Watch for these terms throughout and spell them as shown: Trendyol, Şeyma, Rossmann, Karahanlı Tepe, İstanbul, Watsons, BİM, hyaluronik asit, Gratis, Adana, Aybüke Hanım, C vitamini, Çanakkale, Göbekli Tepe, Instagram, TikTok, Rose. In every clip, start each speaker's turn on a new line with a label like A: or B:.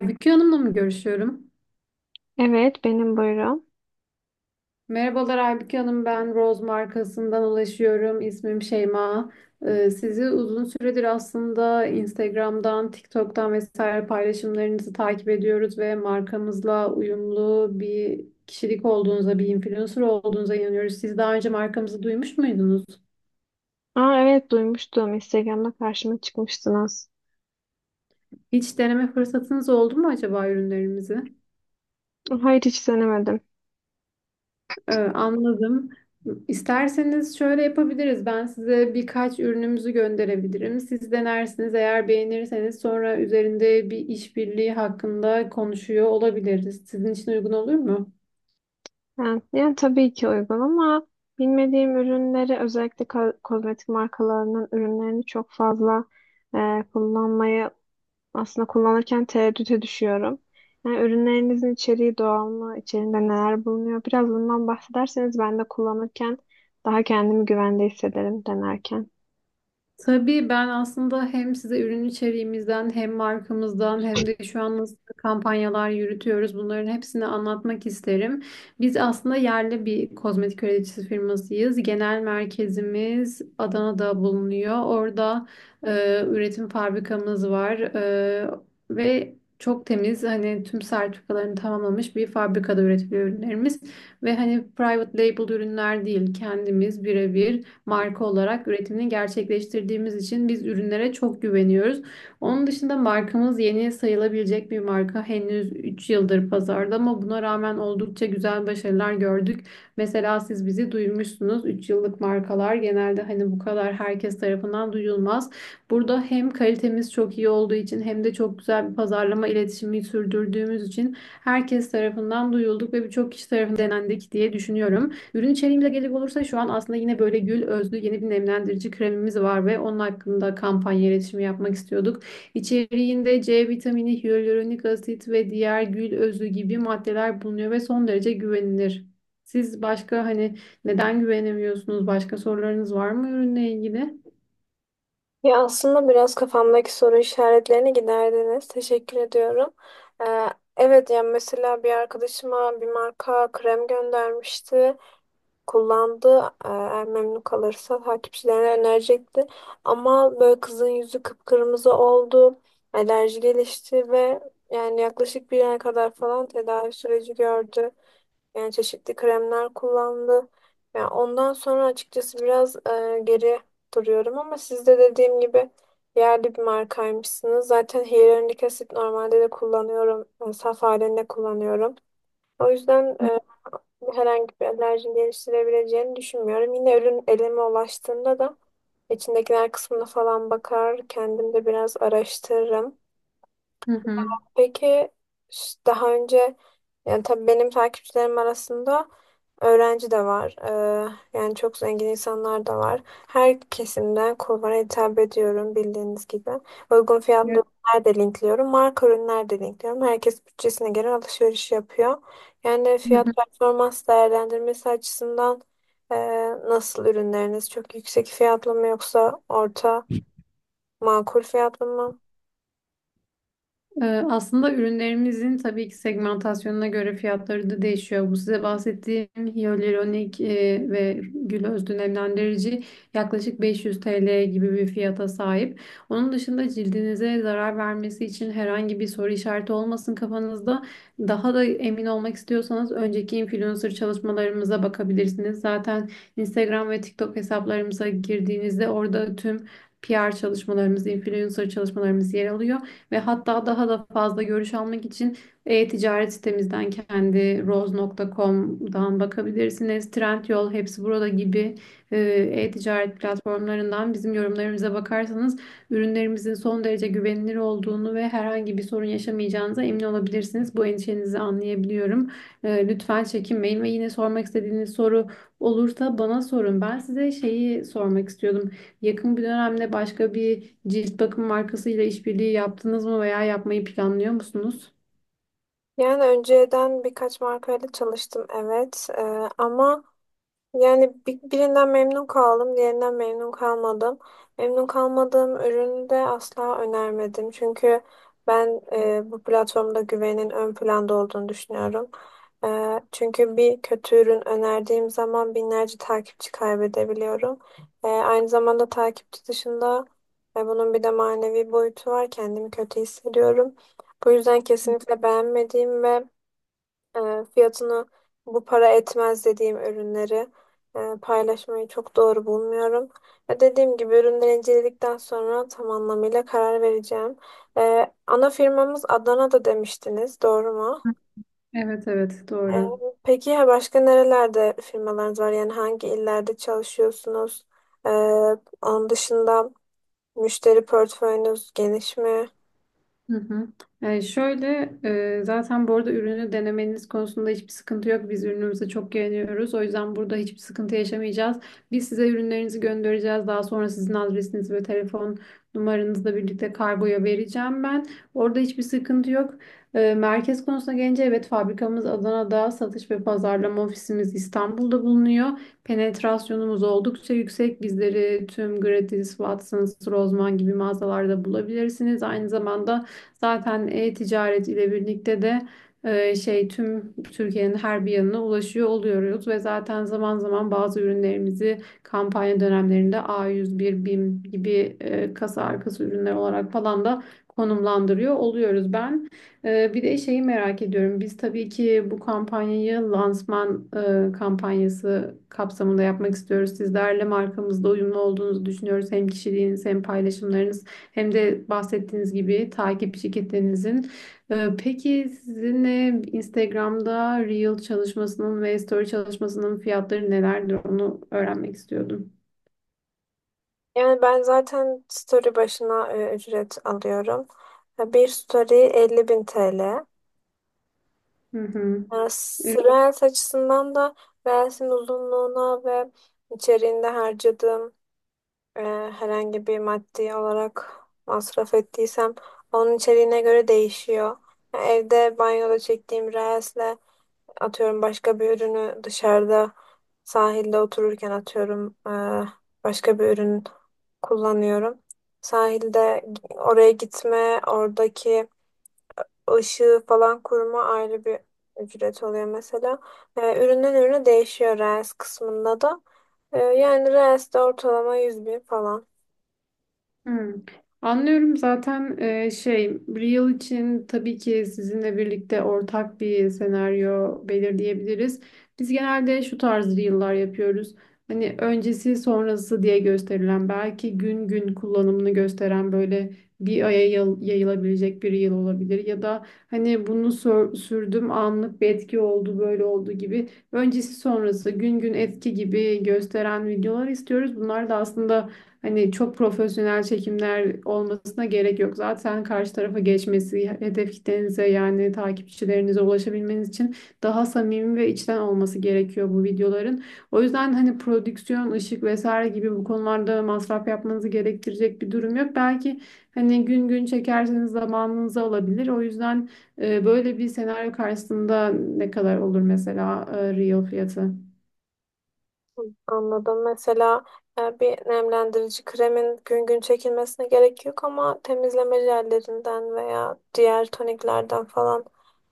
A: Aybüke Hanım'la mı görüşüyorum?
B: Evet, benim buyurun.
A: Merhabalar Aybüke Hanım, ben Rose markasından ulaşıyorum. İsmim Şeyma. Sizi uzun süredir aslında Instagram'dan, TikTok'tan vesaire paylaşımlarınızı takip ediyoruz ve markamızla uyumlu bir kişilik olduğunuza, bir influencer olduğunuza inanıyoruz. Siz daha önce markamızı duymuş muydunuz?
B: Aa, evet duymuştum. Instagram'da karşıma çıkmıştınız.
A: Hiç deneme fırsatınız oldu mu acaba ürünlerimizi?
B: Hayır, hiç denemedim.
A: Anladım. İsterseniz şöyle yapabiliriz. Ben size birkaç ürünümüzü gönderebilirim. Siz denersiniz. Eğer beğenirseniz sonra üzerinde bir işbirliği hakkında konuşuyor olabiliriz. Sizin için uygun olur mu?
B: Yani tabii ki uygun, ama bilmediğim ürünleri, özellikle kozmetik markalarının ürünlerini çok fazla kullanmayı, aslında kullanırken tereddüte düşüyorum. Yani ürünlerinizin içeriği doğal mı? İçerinde neler bulunuyor? Biraz bundan bahsederseniz, ben de kullanırken daha kendimi güvende hissederim denerken.
A: Tabii ben aslında hem size ürün içeriğimizden hem markamızdan hem de şu an nasıl kampanyalar yürütüyoruz bunların hepsini anlatmak isterim. Biz aslında yerli bir kozmetik üreticisi firmasıyız. Genel merkezimiz Adana'da bulunuyor. Orada üretim fabrikamız var ve çok temiz, hani tüm sertifikalarını tamamlamış bir fabrikada üretiliyor ürünlerimiz. Ve hani private label ürünler değil, kendimiz birebir marka olarak üretimini gerçekleştirdiğimiz için biz ürünlere çok güveniyoruz. Onun dışında markamız yeni sayılabilecek bir marka. Henüz 3 yıldır pazarda ama buna rağmen oldukça güzel başarılar gördük. Mesela siz bizi duymuşsunuz. 3 yıllık markalar genelde hani bu kadar herkes tarafından duyulmaz. Burada hem kalitemiz çok iyi olduğu için hem de çok güzel bir pazarlama iletişimi sürdürdüğümüz için herkes tarafından duyulduk ve birçok kişi tarafından denendik diye düşünüyorum. Ürün içeriğimize gelecek olursa şu an aslında yine böyle gül özlü yeni bir nemlendirici kremimiz var ve onun hakkında kampanya iletişimi yapmak istiyorduk. İçeriğinde C vitamini, hyaluronik asit ve diğer gül özlü gibi maddeler bulunuyor ve son derece güvenilir. Siz başka, hani, neden güvenemiyorsunuz? Başka sorularınız var mı ürünle ilgili?
B: Ya, aslında biraz kafamdaki soru işaretlerini giderdiniz. Teşekkür ediyorum. Ee, evet, yani mesela bir arkadaşıma bir marka krem göndermişti. Kullandı. Eğer memnun kalırsa takipçilerine önerecekti. Ama böyle kızın yüzü kıpkırmızı oldu. Alerji gelişti ve yani yaklaşık bir ay kadar falan tedavi süreci gördü. Yani çeşitli kremler kullandı. Yani ondan sonra açıkçası biraz geri duruyorum, ama siz de dediğim gibi yerli bir markaymışsınız. Zaten hyaluronik asit normalde de kullanıyorum, saf halinde kullanıyorum. O yüzden herhangi bir alerji geliştirebileceğini düşünmüyorum. Yine ürün elime ulaştığında da içindekiler kısmına falan bakar, kendim de biraz araştırırım.
A: Hı hı.
B: Peki, daha önce, yani tabii benim takipçilerim arasında öğrenci de var. Yani çok zengin insanlar da var. Her kesimden kulvara hitap ediyorum bildiğiniz gibi. Uygun fiyatlı
A: Evet.
B: ürünler de linkliyorum, marka ürünler de linkliyorum. Herkes bütçesine göre alışveriş yapıyor. Yani
A: Hı
B: fiyat
A: hı.
B: performans değerlendirmesi açısından e, nasıl ürünleriniz? Çok yüksek fiyatlı mı, yoksa orta, makul fiyatlı mı?
A: Aslında ürünlerimizin tabii ki segmentasyonuna göre fiyatları da değişiyor. Bu size bahsettiğim hyaluronik ve gül öz nemlendirici yaklaşık 500 TL gibi bir fiyata sahip. Onun dışında cildinize zarar vermesi için herhangi bir soru işareti olmasın kafanızda. Daha da emin olmak istiyorsanız önceki influencer çalışmalarımıza bakabilirsiniz. Zaten Instagram ve TikTok hesaplarımıza girdiğinizde orada tüm PR çalışmalarımız, influencer çalışmalarımız yer alıyor ve hatta daha da fazla görüş almak için e-ticaret sitemizden, kendi roz.com'dan bakabilirsiniz. Trendyol, hepsi burada gibi e, e-ticaret platformlarından bizim yorumlarımıza bakarsanız ürünlerimizin son derece güvenilir olduğunu ve herhangi bir sorun yaşamayacağınıza emin olabilirsiniz. Bu endişenizi anlayabiliyorum. Lütfen çekinmeyin ve yine sormak istediğiniz soru olursa bana sorun. Ben size şeyi sormak istiyordum. Yakın bir dönemde başka bir cilt bakım markasıyla işbirliği yaptınız mı veya yapmayı planlıyor musunuz?
B: Yani önceden birkaç markayla çalıştım, evet. Ama yani birinden memnun kaldım, diğerinden memnun kalmadım. Memnun kalmadığım ürünü de asla önermedim, çünkü ben bu platformda güvenin ön planda olduğunu düşünüyorum. Çünkü bir kötü ürün önerdiğim zaman binlerce takipçi kaybedebiliyorum. Aynı zamanda takipçi dışında bunun bir de manevi boyutu var, kendimi kötü hissediyorum. Bu yüzden kesinlikle beğenmediğim ve fiyatını bu para etmez dediğim ürünleri paylaşmayı çok doğru bulmuyorum. Ve dediğim gibi, ürünleri inceledikten sonra tam anlamıyla karar vereceğim. Ana firmamız Adana'da demiştiniz, doğru mu?
A: Evet, evet,
B: E,
A: doğru.
B: peki ya başka nerelerde firmalarınız var? Yani hangi illerde çalışıyorsunuz? E, Onun dışında müşteri portföyünüz geniş mi?
A: Hı hı. Yani şöyle, zaten bu arada ürünü denemeniz konusunda hiçbir sıkıntı yok. Biz ürünümüze çok güveniyoruz. O yüzden burada hiçbir sıkıntı yaşamayacağız. Biz size ürünlerinizi göndereceğiz. Daha sonra sizin adresiniz ve telefon numaranızla birlikte kargoya vereceğim ben. Orada hiçbir sıkıntı yok. Merkez konusuna gelince, evet, fabrikamız Adana'da, satış ve pazarlama ofisimiz İstanbul'da bulunuyor. Penetrasyonumuz oldukça yüksek. Bizleri tüm Gratis, Watsons, Rossmann gibi mağazalarda bulabilirsiniz. Aynı zamanda zaten e-ticaret ile birlikte de tüm Türkiye'nin her bir yanına ulaşıyor oluyoruz ve zaten zaman zaman bazı ürünlerimizi kampanya dönemlerinde A101, BİM gibi kasa arkası ürünler olarak falan da konumlandırıyor oluyoruz. Ben bir de şeyi merak ediyorum. Biz tabii ki bu kampanyayı lansman kampanyası kapsamında yapmak istiyoruz. Sizlerle markamızda uyumlu olduğunuzu düşünüyoruz. Hem kişiliğiniz, hem paylaşımlarınız, hem de bahsettiğiniz gibi takip şirketlerinizin. Peki sizinle Instagram'da Reel çalışmasının ve Story çalışmasının fiyatları nelerdir, onu öğrenmek istiyordum.
B: Yani ben zaten story başına ücret alıyorum. Bir story 50.000 TL.
A: Hı hı.
B: Yani Reels açısından da Reels'in uzunluğuna ve içeriğinde harcadığım, e, herhangi bir maddi olarak masraf ettiysem onun içeriğine göre değişiyor. Yani evde banyoda çektiğim Reels'le atıyorum başka bir ürünü, dışarıda sahilde otururken atıyorum başka bir ürün kullanıyorum. Sahilde oraya gitme, oradaki ışığı falan kurma ayrı bir ücret oluyor mesela. Üründen ürüne değişiyor Reels kısmında da. Yani Reels'de ortalama 100 bin falan.
A: Hmm. Anlıyorum. Zaten Real için tabii ki sizinle birlikte ortak bir senaryo belirleyebiliriz. Biz genelde şu tarz Reel'lar yapıyoruz. Hani öncesi sonrası diye gösterilen, belki gün gün kullanımını gösteren, böyle bir aya yayılabilecek bir Reel olabilir. Ya da hani bunu sürdüm, anlık bir etki oldu, böyle oldu gibi öncesi sonrası, gün gün etki gibi gösteren videolar istiyoruz. Bunlar da aslında, hani, çok profesyonel çekimler olmasına gerek yok. Zaten karşı tarafa geçmesi, hedef kitlenize yani takipçilerinize ulaşabilmeniz için daha samimi ve içten olması gerekiyor bu videoların. O yüzden hani prodüksiyon, ışık vesaire gibi bu konularda masraf yapmanızı gerektirecek bir durum yok. Belki hani gün gün çekerseniz zamanınızı alabilir. O yüzden böyle bir senaryo karşısında ne kadar olur mesela reel fiyatı?
B: Anladım. Mesela bir nemlendirici kremin gün gün çekilmesine gerek yok, ama temizleme jellerinden veya diğer toniklerden falan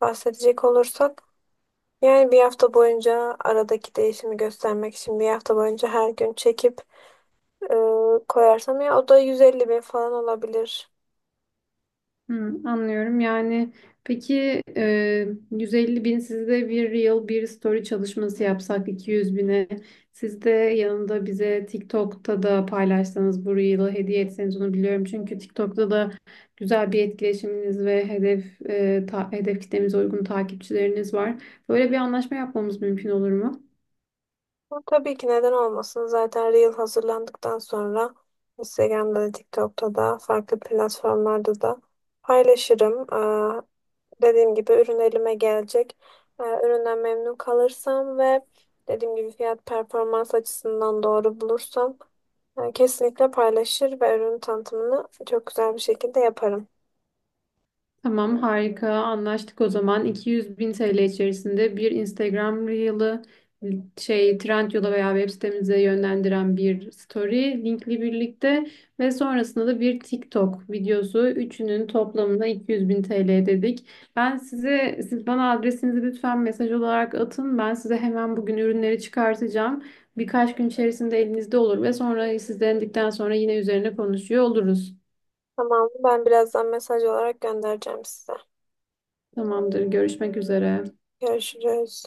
B: bahsedecek olursak, yani bir hafta boyunca aradaki değişimi göstermek için bir hafta boyunca her gün çekip e, koyarsam ya, o da 150 bin falan olabilir.
A: Hı, anlıyorum. Yani peki 150 bin, sizde bir reel bir story çalışması yapsak 200 bine, siz de yanında bize TikTok'ta da paylaşsanız, bu reel'ı hediye etseniz onu biliyorum. Çünkü TikTok'ta da güzel bir etkileşiminiz ve hedef hedef kitlemize uygun takipçileriniz var. Böyle bir anlaşma yapmamız mümkün olur mu?
B: Ama tabii ki, neden olmasın? Zaten Reel hazırlandıktan sonra Instagram'da da, TikTok'ta da, farklı platformlarda da paylaşırım. Dediğim gibi ürün elime gelecek. Üründen memnun kalırsam ve dediğim gibi fiyat performans açısından doğru bulursam, kesinlikle paylaşır ve ürün tanıtımını çok güzel bir şekilde yaparım.
A: Tamam, harika, anlaştık o zaman. 200 bin TL içerisinde bir Instagram Reel'ı, şey, Trendyol'a veya web sitemize yönlendiren bir story linkli birlikte ve sonrasında da bir TikTok videosu, üçünün toplamına 200 bin TL dedik. Ben size, siz bana adresinizi lütfen mesaj olarak atın, ben size hemen bugün ürünleri çıkartacağım. Birkaç gün içerisinde elinizde olur ve sonra siz denedikten sonra yine üzerine konuşuyor oluruz.
B: Tamam, ben birazdan mesaj olarak göndereceğim size.
A: Tamamdır, görüşmek üzere.
B: Görüşürüz.